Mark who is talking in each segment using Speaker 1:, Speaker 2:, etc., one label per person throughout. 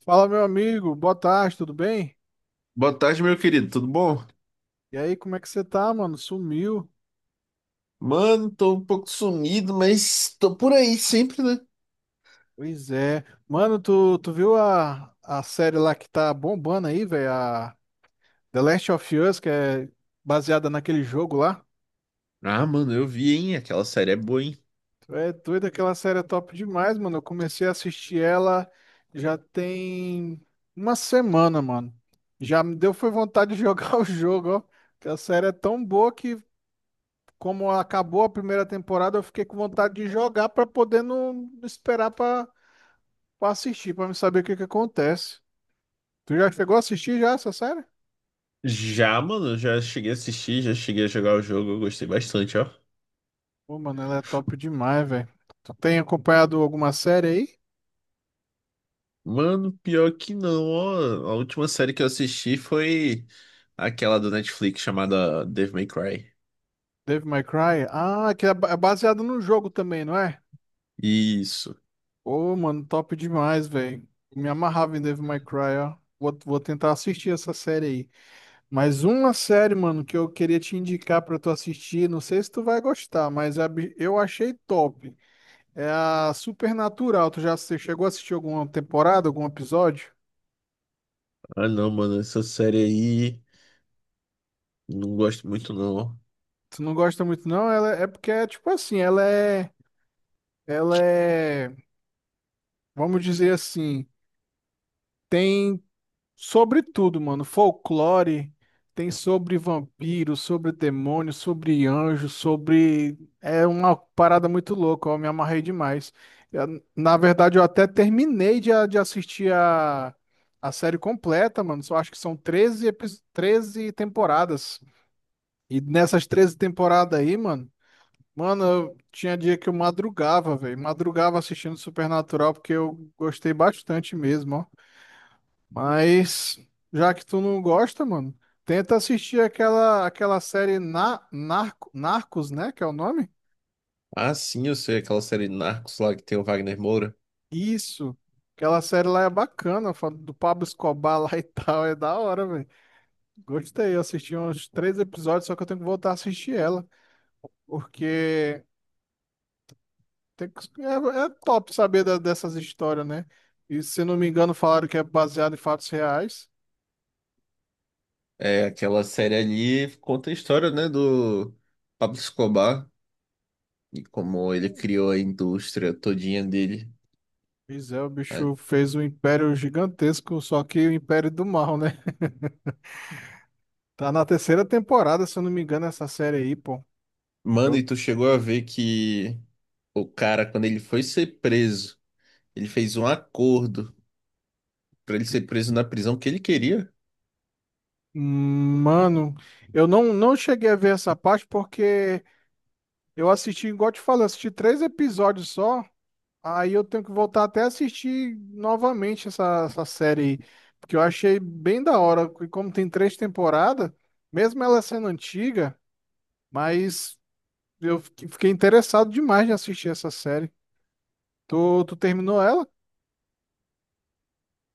Speaker 1: Fala, meu amigo, boa tarde, tudo bem?
Speaker 2: Boa tarde, meu querido, tudo bom?
Speaker 1: E aí, como é que você tá, mano? Sumiu?
Speaker 2: Mano, tô um pouco sumido, mas tô por aí sempre, né?
Speaker 1: Pois é. Mano, tu viu a série lá que tá bombando aí, velho? A The Last of Us, que é baseada naquele jogo lá?
Speaker 2: Ah, mano, eu vi, hein? Aquela série é boa, hein?
Speaker 1: Tu é doido, aquela série é top demais, mano. Eu comecei a assistir ela já tem uma semana, mano. Já me deu foi vontade de jogar o jogo, ó. Que a série é tão boa que como acabou a primeira temporada, eu fiquei com vontade de jogar pra poder não esperar pra assistir, pra me saber o que que acontece. Tu já chegou a assistir já essa série?
Speaker 2: Já, mano, já cheguei a assistir, já cheguei a jogar o jogo, eu gostei bastante, ó.
Speaker 1: Pô, mano, ela é top demais, velho. Tu tem acompanhado alguma série aí?
Speaker 2: Mano, pior que não, ó. A última série que eu assisti foi aquela do Netflix chamada Devil May Cry.
Speaker 1: Dave May Cry? Ah, que é é baseado no jogo também, não é?
Speaker 2: Isso.
Speaker 1: Pô, mano, top demais, velho. Me amarrava em Dave May Cry, ó. Vou tentar assistir essa série aí. Mas uma série, mano, que eu queria te indicar pra tu assistir, não sei se tu vai gostar, mas eu achei top. É a Supernatural. Tu chegou a assistir alguma temporada, algum episódio?
Speaker 2: Ah, não, mano, essa série aí não gosto muito, não, ó.
Speaker 1: Tu não gosta muito, não? Ela é é porque é tipo assim, ela é. Ela é. Vamos dizer assim, tem sobre tudo, mano. Folclore, tem sobre vampiro, sobre demônio, sobre anjo, sobre. É uma parada muito louca, eu me amarrei demais. Na verdade, eu até terminei de assistir a série completa, mano. Só acho que são 13 temporadas. E nessas 13 temporadas aí, mano, eu tinha dia que eu madrugava, velho. Madrugava assistindo Supernatural porque eu gostei bastante mesmo, ó. Mas já que tu não gosta, mano, tenta assistir aquela série Narcos, né, que é o nome?
Speaker 2: Ah, sim, eu sei, aquela série Narcos lá que tem o Wagner Moura.
Speaker 1: Isso. Aquela série lá é bacana, do Pablo Escobar lá e tal, é da hora, velho. Gostei, eu assisti uns três episódios, só que eu tenho que voltar a assistir ela, porque É, é top saber dessas histórias, né? E se não me engano, falaram que é baseado em fatos reais.
Speaker 2: É, aquela série ali conta a história, né, do Pablo Escobar e como ele criou a indústria todinha dele.
Speaker 1: Pois é, o
Speaker 2: Ah,
Speaker 1: bicho fez um império gigantesco, só que o império do mal, né? Tá na terceira temporada, se eu não me engano, essa série aí, pô.
Speaker 2: mano, e
Speaker 1: Eu,
Speaker 2: tu chegou a ver que o cara, quando ele foi ser preso, ele fez um acordo pra ele ser preso na prisão que ele queria?
Speaker 1: Mano, eu não cheguei a ver essa parte porque eu assisti, igual eu te falei, eu assisti três episódios só. Aí eu tenho que voltar até assistir novamente essa série aí, porque eu achei bem da hora. E como tem três temporadas, mesmo ela sendo antiga, mas eu fiquei interessado demais de assistir essa série. Tu terminou ela?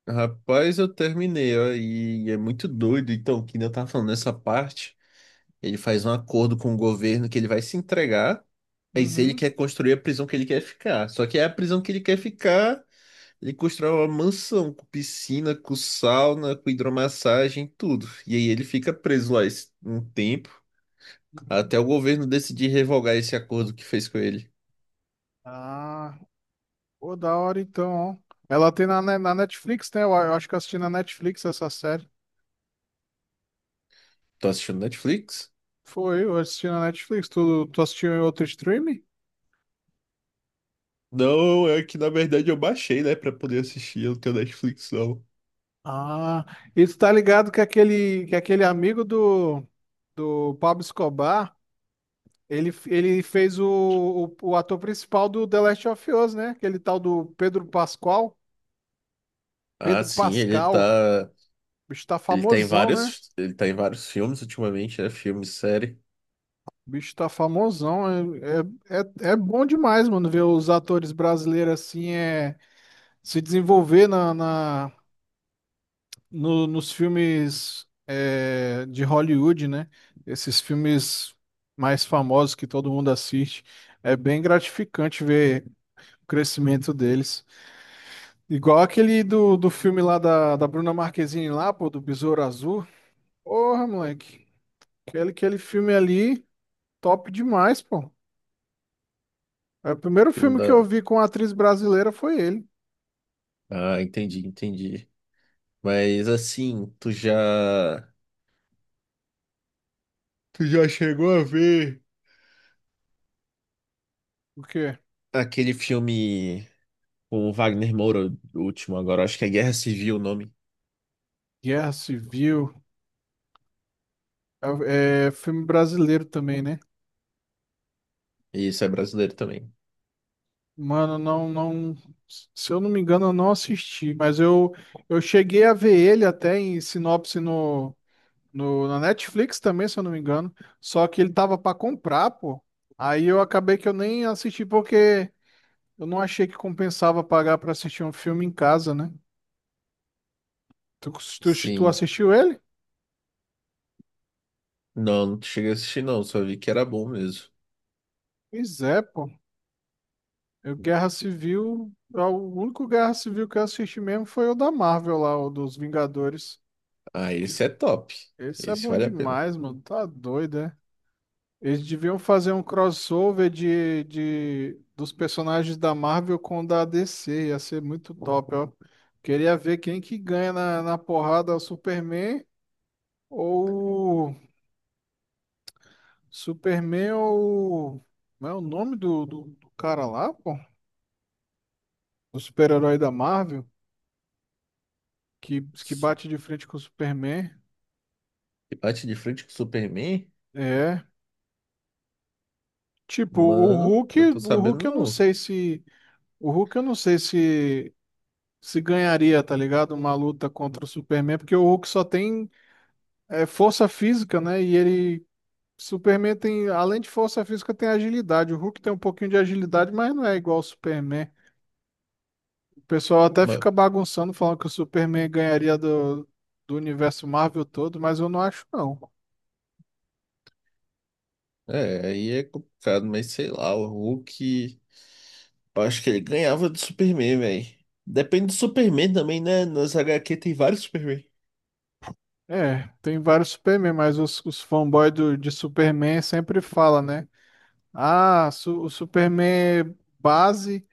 Speaker 2: Rapaz, eu terminei, ó, e é muito doido. Então, que nem eu tava falando nessa parte, ele faz um acordo com o governo que ele vai se entregar, mas ele quer
Speaker 1: Uhum,
Speaker 2: construir a prisão que ele quer ficar. Só que é a prisão que ele quer ficar. Ele constrói uma mansão com piscina, com sauna, com hidromassagem, tudo. E aí ele fica preso lá um tempo,
Speaker 1: uhum.
Speaker 2: até o governo decidir revogar esse acordo que fez com ele.
Speaker 1: Ah, pô, da hora então. Ó. Ela tem na Netflix, né? Eu acho que eu assisti na Netflix essa série.
Speaker 2: Tô assistindo Netflix?
Speaker 1: Foi, eu assisti na Netflix. Tu assistiu em outro streaming?
Speaker 2: Não, é que na verdade eu baixei, né, pra poder assistir, eu não tenho Netflix não.
Speaker 1: Ah, e tu tá ligado que que aquele amigo do. O Pablo Escobar, ele fez o ator principal do The Last of Us, né? Aquele tal do Pedro Pascal.
Speaker 2: Ah,
Speaker 1: Pedro
Speaker 2: sim, ele
Speaker 1: Pascal. O
Speaker 2: tá,
Speaker 1: bicho tá famosão, né?
Speaker 2: ele tá em vários filmes ultimamente, né, filme, série,
Speaker 1: O bicho tá famosão. É bom demais, mano, ver os atores brasileiros assim é, se desenvolver na, na, no- nos filmes é, de Hollywood, né? Esses filmes mais famosos que todo mundo assiste. É bem gratificante ver o crescimento deles. Igual aquele do filme lá da Bruna Marquezine lá, pô, do Besouro Azul. Porra, moleque. Aquele filme ali, top demais, pô. É, o primeiro
Speaker 2: filme
Speaker 1: filme que eu
Speaker 2: da...
Speaker 1: vi com atriz brasileira foi ele.
Speaker 2: Ah, entendi, entendi. Mas assim, tu já... Tu já chegou a ver
Speaker 1: O quê?
Speaker 2: aquele filme com o Wagner Moura, o último agora, acho que é Guerra Civil o nome.
Speaker 1: Guerra Civil. É filme brasileiro também, né?
Speaker 2: E isso é brasileiro também.
Speaker 1: Mano, não. Se eu não me engano, eu não assisti, mas eu cheguei a ver ele até em sinopse no No, na Netflix também, se eu não me engano. Só que ele tava pra comprar, pô. Aí eu acabei que eu nem assisti porque eu não achei que compensava pagar pra assistir um filme em casa, né? Tu, tu
Speaker 2: Sim.
Speaker 1: assistiu ele?
Speaker 2: Não, não cheguei a assistir não, só vi que era bom mesmo.
Speaker 1: Pois é, pô. Guerra Civil. O único Guerra Civil que eu assisti mesmo foi o da Marvel lá, o dos Vingadores.
Speaker 2: Ah,
Speaker 1: Tipo,
Speaker 2: esse é top.
Speaker 1: esse é
Speaker 2: Esse
Speaker 1: bom
Speaker 2: vale a pena.
Speaker 1: demais, mano. Tá doido, é? Eles deviam fazer um crossover dos personagens da Marvel com o da DC. Ia ser muito top, ó. Queria ver quem que ganha na porrada, o Superman ou... Superman ou... Não é o nome do cara lá, pô? O super-herói da Marvel que bate de frente com o Superman.
Speaker 2: E bate de frente com o Superman?
Speaker 1: É. Tipo, o
Speaker 2: Mano,
Speaker 1: Hulk...
Speaker 2: eu tô
Speaker 1: O
Speaker 2: sabendo
Speaker 1: Hulk eu não
Speaker 2: não.
Speaker 1: sei se... O Hulk eu não sei se ganharia, tá ligado? Uma luta contra o Superman, porque o Hulk só tem é, força física, né? E ele. Superman tem, além de força física, tem agilidade. O Hulk tem um pouquinho de agilidade, mas não é igual ao Superman. O pessoal até
Speaker 2: Ma-
Speaker 1: fica bagunçando, falando que o Superman ganharia do universo Marvel todo, mas eu não acho, não.
Speaker 2: é, aí é complicado, mas sei lá, o Hulk. Eu acho que ele ganhava do Superman, velho. Depende do Superman também, né? Nas HQ tem vários Superman.
Speaker 1: É, tem vários Superman, mas os fanboys de Superman sempre falam, né? Ah, o Superman base,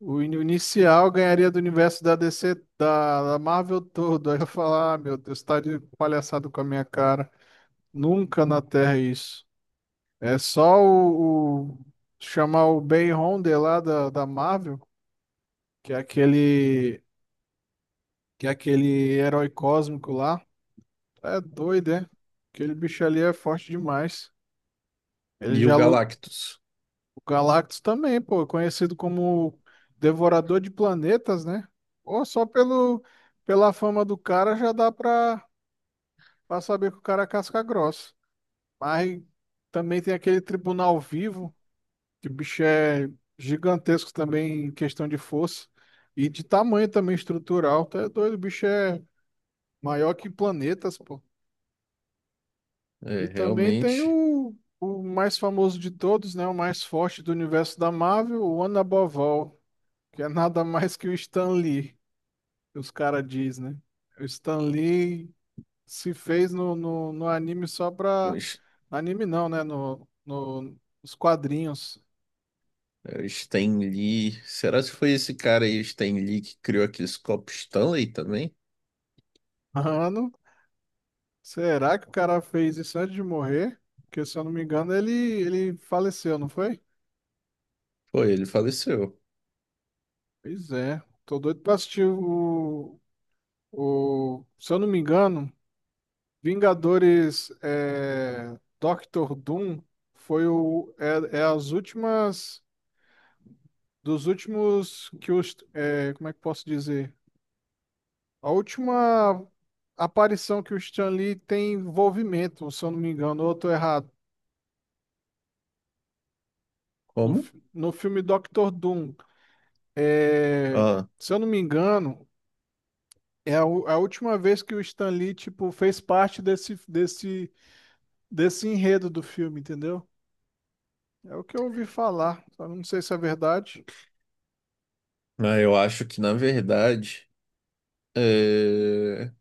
Speaker 1: o inicial ganharia do universo da DC, da Marvel todo. Aí eu falar, ah, meu Deus, tá de palhaçada com a minha cara. Nunca na Terra é isso. É só chamar o Ben Rhodes lá da Marvel, que é aquele que é aquele herói cósmico lá. É doido, é? Aquele bicho ali é forte demais. Ele
Speaker 2: E o
Speaker 1: já lutou.
Speaker 2: Galactus.
Speaker 1: O Galactus também, pô, é conhecido como Devorador de Planetas, né? Ou só pela fama do cara já dá pra saber que o cara é casca grossa. Mas também tem aquele Tribunal Vivo, que o bicho é gigantesco também em questão de força e de tamanho também estrutural. Tá doido, o bicho é maior que planetas, pô.
Speaker 2: É,
Speaker 1: E também tem
Speaker 2: realmente.
Speaker 1: o mais famoso de todos, né? O mais forte do universo da Marvel, o Anabovol. Que é nada mais que o Stan Lee, que os caras diz, né? O Stan Lee se fez no anime só
Speaker 2: O
Speaker 1: pra.
Speaker 2: S-
Speaker 1: Anime não, né? No, no, nos quadrinhos.
Speaker 2: o Stan Lee. Será que foi esse cara aí, o Stan Lee, que criou aqueles copos Stanley também?
Speaker 1: Mano, será que o cara fez isso antes de morrer? Porque se eu não me engano, ele faleceu, não foi?
Speaker 2: Foi, ele faleceu.
Speaker 1: Pois é. Tô doido pra assistir o. O se eu não me engano, Vingadores é, Doctor Doom foi o. É, é as últimas. Dos últimos que os. É, como é que posso dizer? A última aparição que o Stan Lee tem envolvimento, se eu não me engano, ou eu tô errado.
Speaker 2: Como?
Speaker 1: No filme Doctor Doom. É,
Speaker 2: Ah,
Speaker 1: se eu não me engano, é a última vez que o Stan Lee, tipo, fez parte desse enredo do filme, entendeu? É o que eu ouvi falar. Só não sei se é verdade.
Speaker 2: eu acho que na verdade é,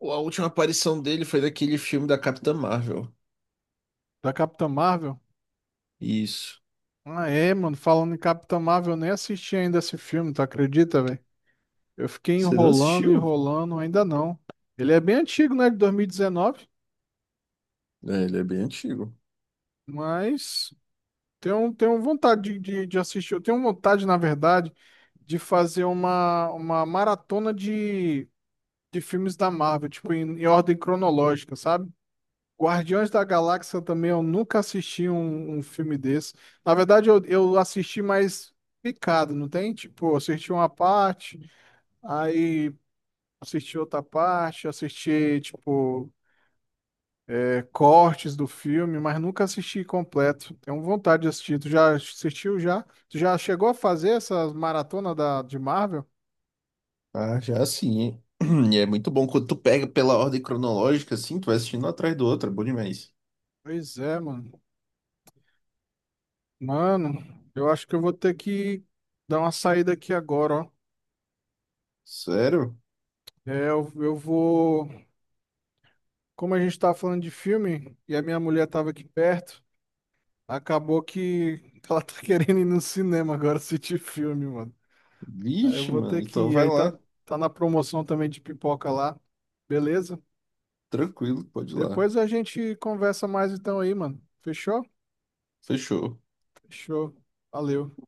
Speaker 2: a última aparição dele foi daquele filme da Capitã Marvel.
Speaker 1: Da Capitã Marvel?
Speaker 2: Isso.
Speaker 1: Ah, é, mano. Falando em Capitã Marvel, eu nem assisti ainda esse filme, tu acredita, velho? Eu fiquei
Speaker 2: Você não assistiu?
Speaker 1: enrolando, ainda não. Ele é bem antigo, né? De 2019,
Speaker 2: É, ele é bem antigo.
Speaker 1: mas tenho, tenho vontade de assistir. Eu tenho vontade, na verdade, de fazer uma maratona de filmes da Marvel, tipo, em ordem cronológica, sabe? Guardiões da Galáxia também, eu nunca assisti um filme desse. Na verdade, eu assisti mais picado, não tem? Tipo, eu assisti uma parte, aí assisti outra parte, assisti, tipo. É, cortes do filme, mas nunca assisti completo. Tenho vontade de assistir. Tu já assistiu já? Tu já chegou a fazer essas maratonas da, de Marvel?
Speaker 2: Ah, já sim. E é muito bom quando tu pega pela ordem cronológica, assim, tu vai assistindo um atrás do outro, é bom demais.
Speaker 1: Pois é, mano. Mano, eu acho que eu vou ter que dar uma saída aqui agora, ó.
Speaker 2: Sério?
Speaker 1: É, eu vou. Como a gente tá falando de filme e a minha mulher tava aqui perto, acabou que ela tá querendo ir no cinema agora assistir filme, mano. Aí eu
Speaker 2: Vixe,
Speaker 1: vou ter
Speaker 2: mano.
Speaker 1: que
Speaker 2: Então
Speaker 1: ir.
Speaker 2: vai
Speaker 1: Aí tá,
Speaker 2: lá.
Speaker 1: tá na promoção também de pipoca lá, beleza?
Speaker 2: Tranquilo, pode ir lá.
Speaker 1: Depois a gente conversa mais então aí, mano. Fechou?
Speaker 2: Fechou.
Speaker 1: Fechou. Valeu.